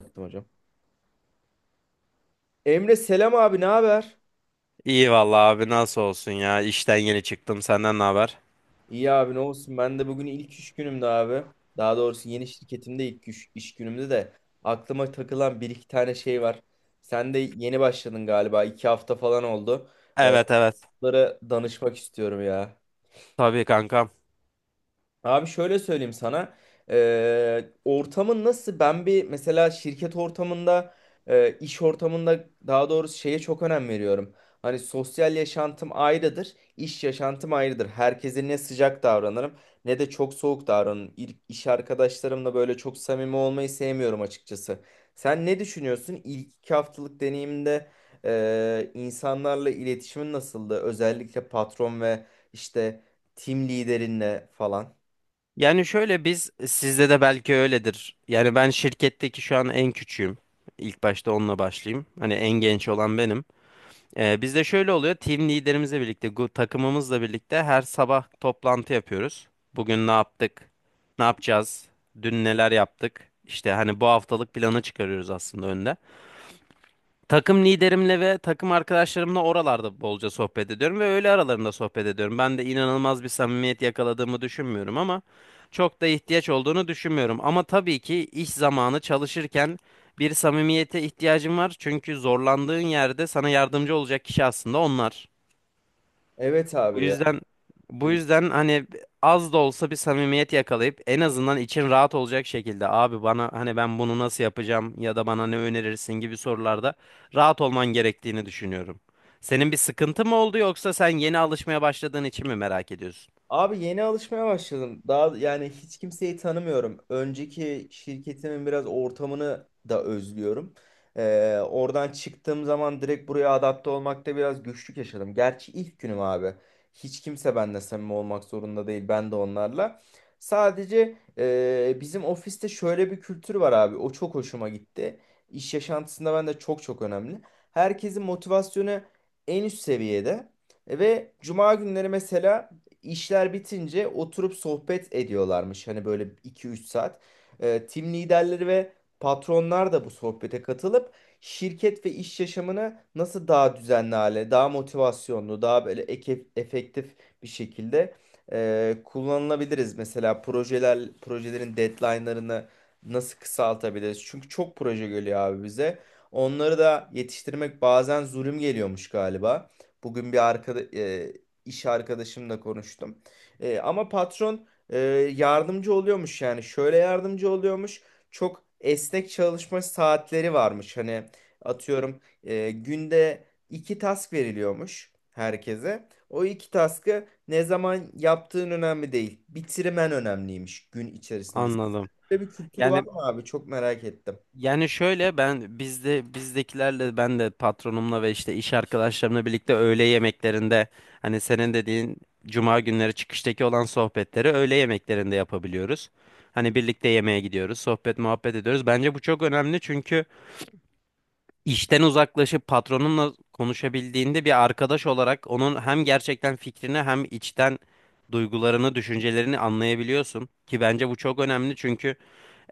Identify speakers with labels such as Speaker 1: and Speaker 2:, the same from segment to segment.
Speaker 1: Yaptım hocam. Emre, selam abi, ne haber?
Speaker 2: İyi vallahi abi nasıl olsun ya işten yeni çıktım senden ne haber?
Speaker 1: İyi abi, ne olsun, ben de bugün ilk iş günümde abi. Daha doğrusu yeni şirketimde ilk iş günümde de aklıma takılan bir iki tane şey var. Sen de yeni başladın galiba, iki hafta falan oldu. Ee,
Speaker 2: Evet evet,
Speaker 1: Bunlara danışmak istiyorum ya.
Speaker 2: tabii kankam.
Speaker 1: Abi şöyle söyleyeyim sana. Ortamın nasıl? Ben bir mesela şirket ortamında, iş ortamında daha doğrusu şeye çok önem veriyorum. Hani sosyal yaşantım ayrıdır, iş yaşantım ayrıdır. Herkese ne sıcak davranırım ne de çok soğuk davranırım. İş arkadaşlarımla böyle çok samimi olmayı sevmiyorum açıkçası. Sen ne düşünüyorsun? İlk iki haftalık deneyimde insanlarla iletişimin nasıldı? Özellikle patron ve işte... Team liderinle falan.
Speaker 2: Yani şöyle biz sizde de belki öyledir. Yani ben şirketteki şu an en küçüğüm. İlk başta onunla başlayayım. Hani en genç olan benim. Bizde şöyle oluyor team liderimizle birlikte takımımızla birlikte her sabah toplantı yapıyoruz. Bugün ne yaptık? Ne yapacağız? Dün neler yaptık? İşte hani bu haftalık planı çıkarıyoruz aslında önden. Takım liderimle ve takım arkadaşlarımla oralarda bolca sohbet ediyorum ve öğle aralarında sohbet ediyorum. Ben de inanılmaz bir samimiyet yakaladığımı düşünmüyorum ama çok da ihtiyaç olduğunu düşünmüyorum. Ama tabii ki iş zamanı çalışırken bir samimiyete ihtiyacın var. Çünkü zorlandığın yerde sana yardımcı olacak kişi aslında onlar.
Speaker 1: Evet
Speaker 2: Bu
Speaker 1: abi ya.
Speaker 2: yüzden bu
Speaker 1: 2
Speaker 2: yüzden hani az da olsa bir samimiyet yakalayıp en azından için rahat olacak şekilde abi bana hani ben bunu nasıl yapacağım ya da bana ne önerirsin gibi sorularda rahat olman gerektiğini düşünüyorum. Senin bir sıkıntı mı oldu yoksa sen yeni alışmaya başladığın için mi merak ediyorsun?
Speaker 1: Abi, yeni alışmaya başladım. Daha yani hiç kimseyi tanımıyorum. Önceki şirketimin biraz ortamını da özlüyorum. Oradan çıktığım zaman direkt buraya adapte olmakta biraz güçlük yaşadım. Gerçi ilk günüm abi. Hiç kimse benimle samimi olmak zorunda değil. Ben de onlarla. Sadece bizim ofiste şöyle bir kültür var abi. O çok hoşuma gitti. İş yaşantısında ben de çok çok önemli. Herkesin motivasyonu en üst seviyede. Ve cuma günleri mesela İşler bitince oturup sohbet ediyorlarmış. Hani böyle iki üç saat. Tim liderleri ve patronlar da bu sohbete katılıp şirket ve iş yaşamını nasıl daha düzenli hale, daha motivasyonlu, daha böyle efektif bir şekilde kullanılabiliriz. Mesela projeler, projelerin deadline'larını nasıl kısaltabiliriz? Çünkü çok proje geliyor abi bize. Onları da yetiştirmek bazen zulüm geliyormuş galiba. Bugün bir iş arkadaşımla konuştum. Ama patron yardımcı oluyormuş, yani şöyle yardımcı oluyormuş. Çok esnek çalışma saatleri varmış. Hani atıyorum günde iki task veriliyormuş herkese. O iki task'ı ne zaman yaptığın önemli değil. Bitirmen önemliymiş gün içerisinde.
Speaker 2: Anladım.
Speaker 1: Böyle bir kültür var
Speaker 2: Yani
Speaker 1: mı abi? Çok merak ettim.
Speaker 2: Yani şöyle ben bizdekilerle ben de patronumla ve işte iş arkadaşlarımla birlikte öğle yemeklerinde hani senin dediğin cuma günleri çıkıştaki olan sohbetleri öğle yemeklerinde yapabiliyoruz. Hani birlikte yemeğe gidiyoruz, sohbet muhabbet ediyoruz. Bence bu çok önemli çünkü işten uzaklaşıp patronunla konuşabildiğinde bir arkadaş olarak onun hem gerçekten fikrini hem içten duygularını, düşüncelerini anlayabiliyorsun ki bence bu çok önemli çünkü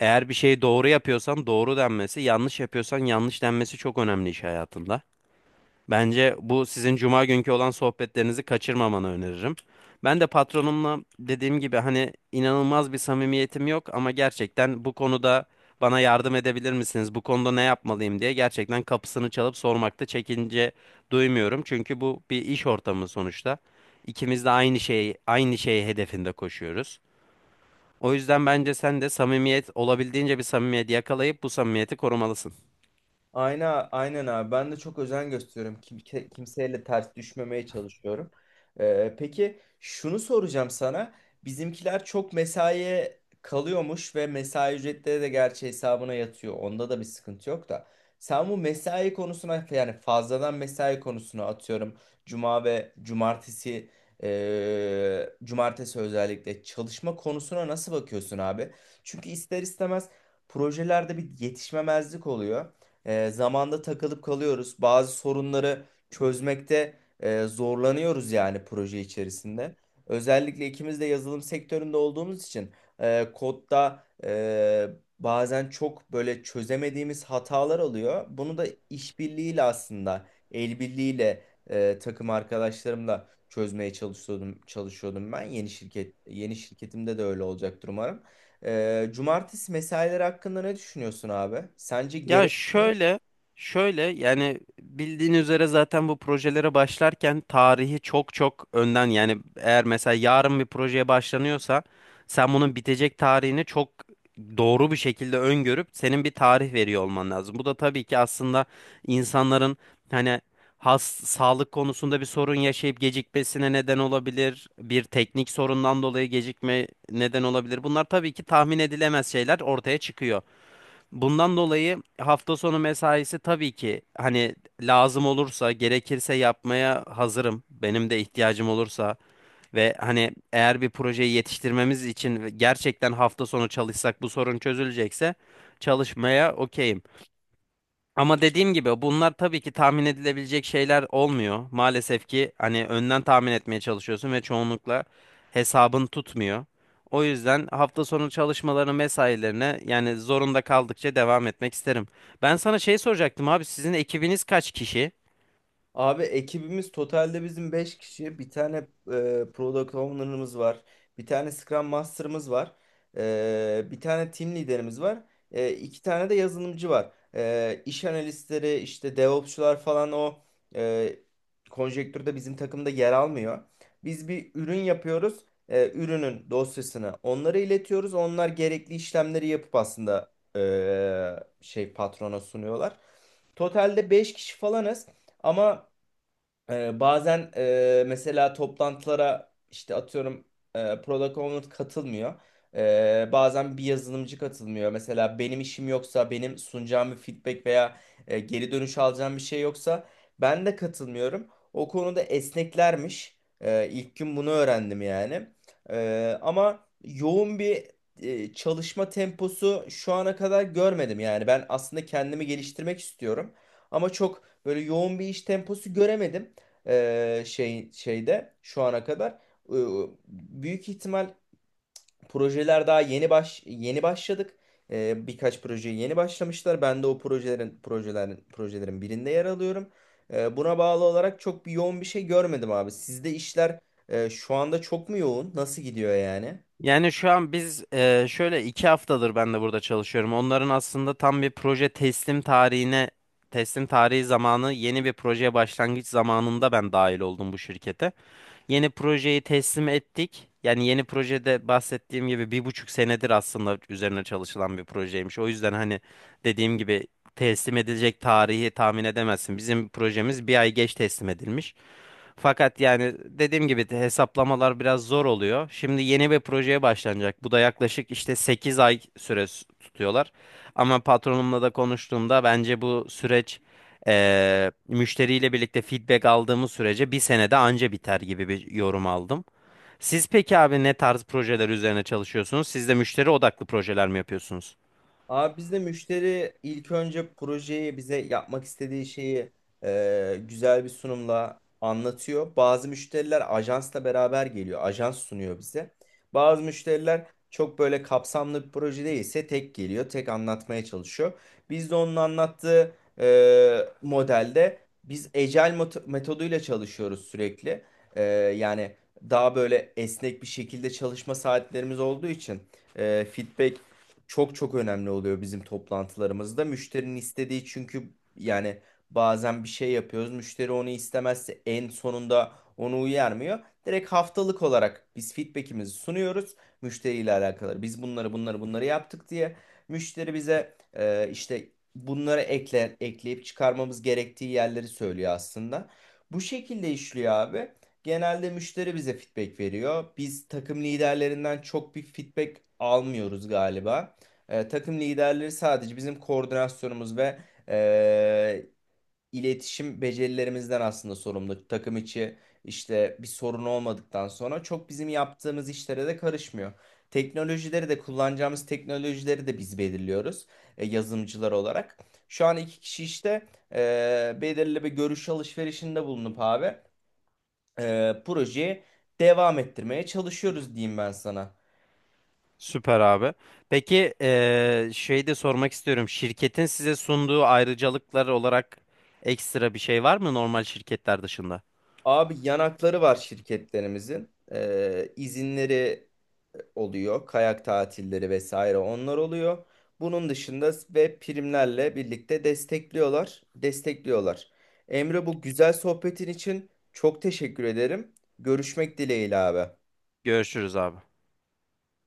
Speaker 2: eğer bir şeyi doğru yapıyorsan doğru denmesi, yanlış yapıyorsan yanlış denmesi çok önemli iş hayatında. Bence bu sizin cuma günkü olan sohbetlerinizi kaçırmamanı öneririm. Ben de patronumla dediğim gibi hani inanılmaz bir samimiyetim yok ama gerçekten bu konuda bana yardım edebilir misiniz? Bu konuda ne yapmalıyım diye gerçekten kapısını çalıp sormakta çekince duymuyorum. Çünkü bu bir iş ortamı sonuçta. İkimiz de aynı şeyi hedefinde koşuyoruz. O yüzden bence sen de samimiyet olabildiğince bir samimiyet yakalayıp bu samimiyeti korumalısın.
Speaker 1: Aynen, aynen abi. Ben de çok özen gösteriyorum. Kimseyle ters düşmemeye çalışıyorum. Peki şunu soracağım sana. Bizimkiler çok mesaiye kalıyormuş ve mesai ücretleri de gerçi hesabına yatıyor. Onda da bir sıkıntı yok da. Sen bu mesai konusuna, yani fazladan mesai konusuna, atıyorum. Cuma ve cumartesi özellikle çalışma konusuna nasıl bakıyorsun abi? Çünkü ister istemez projelerde bir yetişmemezlik oluyor, zamanda takılıp kalıyoruz. Bazı sorunları çözmekte zorlanıyoruz yani proje içerisinde. Özellikle ikimiz de yazılım sektöründe olduğumuz için kodda bazen çok böyle çözemediğimiz hatalar oluyor. Bunu da işbirliğiyle, aslında el birliğiyle, takım arkadaşlarımla çözmeye çalışıyordum ben. Yeni şirketimde de öyle olacaktır umarım. Cumartesi mesaileri hakkında ne düşünüyorsun abi? Sence
Speaker 2: Ya şöyle, yani bildiğin üzere zaten bu projelere başlarken tarihi çok çok önden yani eğer mesela yarın bir projeye başlanıyorsa sen bunun bitecek tarihini çok doğru bir şekilde öngörüp senin bir tarih veriyor olman lazım. Bu da tabii ki aslında insanların hani has sağlık konusunda bir sorun yaşayıp gecikmesine neden olabilir. Bir teknik sorundan dolayı gecikme neden olabilir. Bunlar tabii ki tahmin edilemez şeyler ortaya çıkıyor. Bundan dolayı hafta sonu mesaisi tabii ki hani lazım olursa, gerekirse yapmaya hazırım. Benim de ihtiyacım olursa ve hani eğer bir projeyi yetiştirmemiz için gerçekten hafta sonu çalışsak bu sorun çözülecekse çalışmaya okeyim. Ama dediğim gibi bunlar tabii ki tahmin edilebilecek şeyler olmuyor. Maalesef ki hani önden tahmin etmeye çalışıyorsun ve çoğunlukla hesabın tutmuyor. O yüzden hafta sonu çalışmalarını, mesailerine yani zorunda kaldıkça devam etmek isterim. Ben sana şey soracaktım abi, sizin ekibiniz kaç kişi?
Speaker 1: abi, ekibimiz totalde bizim 5 kişi. Bir tane product owner'ımız var. Bir tane Scrum Master'ımız var. Bir tane team liderimiz var. İki tane de yazılımcı var. İş analistleri, işte DevOps'çular falan o e, konjektürde bizim takımda yer almıyor. Biz bir ürün yapıyoruz. Ürünün dosyasını onlara iletiyoruz. Onlar gerekli işlemleri yapıp aslında şey, patrona sunuyorlar. Totalde 5 kişi falanız. Ama bazen mesela toplantılara işte atıyorum product owner katılmıyor. Bazen bir yazılımcı katılmıyor. Mesela benim işim yoksa, benim sunacağım bir feedback veya geri dönüş alacağım bir şey yoksa ben de katılmıyorum. O konuda esneklermiş. İlk gün bunu öğrendim yani. Ama yoğun bir çalışma temposu şu ana kadar görmedim yani. Ben aslında kendimi geliştirmek istiyorum. Ama çok böyle yoğun bir iş temposu göremedim şeyde şu ana kadar. E, Büyük ihtimal projeler daha yeni başladık. Birkaç projeye yeni başlamışlar. Ben de o projelerin birinde yer alıyorum. Buna bağlı olarak çok bir yoğun bir şey görmedim abi. Sizde işler şu anda çok mu yoğun? Nasıl gidiyor yani?
Speaker 2: Yani şu an biz şöyle 2 haftadır ben de burada çalışıyorum. Onların aslında tam bir proje teslim tarihi zamanı yeni bir projeye başlangıç zamanında ben dahil oldum bu şirkete. Yeni projeyi teslim ettik. Yani yeni projede bahsettiğim gibi 1,5 senedir aslında üzerine çalışılan bir projeymiş. O yüzden hani dediğim gibi teslim edilecek tarihi tahmin edemezsin. Bizim projemiz 1 ay geç teslim edilmiş. Fakat yani dediğim gibi de hesaplamalar biraz zor oluyor. Şimdi yeni bir projeye başlanacak. Bu da yaklaşık işte 8 ay süre tutuyorlar. Ama patronumla da konuştuğumda bence bu süreç müşteriyle birlikte feedback aldığımız sürece 1 senede anca biter gibi bir yorum aldım. Siz peki abi ne tarz projeler üzerine çalışıyorsunuz? Siz de müşteri odaklı projeler mi yapıyorsunuz?
Speaker 1: Abi, bizde müşteri ilk önce projeyi, bize yapmak istediği şeyi, güzel bir sunumla anlatıyor. Bazı müşteriler ajansla beraber geliyor. Ajans sunuyor bize. Bazı müşteriler çok böyle kapsamlı bir proje değilse tek geliyor, tek anlatmaya çalışıyor. Biz de onun anlattığı e, modelde, biz Agile metoduyla çalışıyoruz sürekli. E, yani daha böyle esnek bir şekilde çalışma saatlerimiz olduğu için feedback çok çok önemli oluyor bizim toplantılarımızda. Müşterinin istediği, çünkü yani bazen bir şey yapıyoruz, müşteri onu istemezse en sonunda onu uyarmıyor. Direkt haftalık olarak biz feedback'imizi sunuyoruz müşteriyle alakalı. Biz bunları yaptık diye müşteri bize işte bunları ekle, ekleyip çıkarmamız gerektiği yerleri söylüyor aslında. Bu şekilde işliyor abi. Genelde müşteri bize feedback veriyor. Biz takım liderlerinden çok bir feedback almıyoruz galiba. Takım liderleri sadece bizim koordinasyonumuz ve e, iletişim becerilerimizden aslında sorumlu. Takım içi işte bir sorun olmadıktan sonra çok bizim yaptığımız işlere de karışmıyor. Teknolojileri de, kullanacağımız teknolojileri de biz belirliyoruz yazılımcılar olarak. Şu an iki kişi işte belirli bir görüş alışverişinde bulunup abi projeyi devam ettirmeye çalışıyoruz diyeyim ben sana.
Speaker 2: Süper abi. Peki şey de sormak istiyorum. Şirketin size sunduğu ayrıcalıklar olarak ekstra bir şey var mı normal şirketler dışında?
Speaker 1: Abi yanakları var şirketlerimizin. İzinleri oluyor. Kayak tatilleri vesaire onlar oluyor. Bunun dışında ve primlerle birlikte destekliyorlar. Destekliyorlar. Emre, bu güzel sohbetin için çok teşekkür ederim. Görüşmek dileğiyle abi.
Speaker 2: Görüşürüz abi.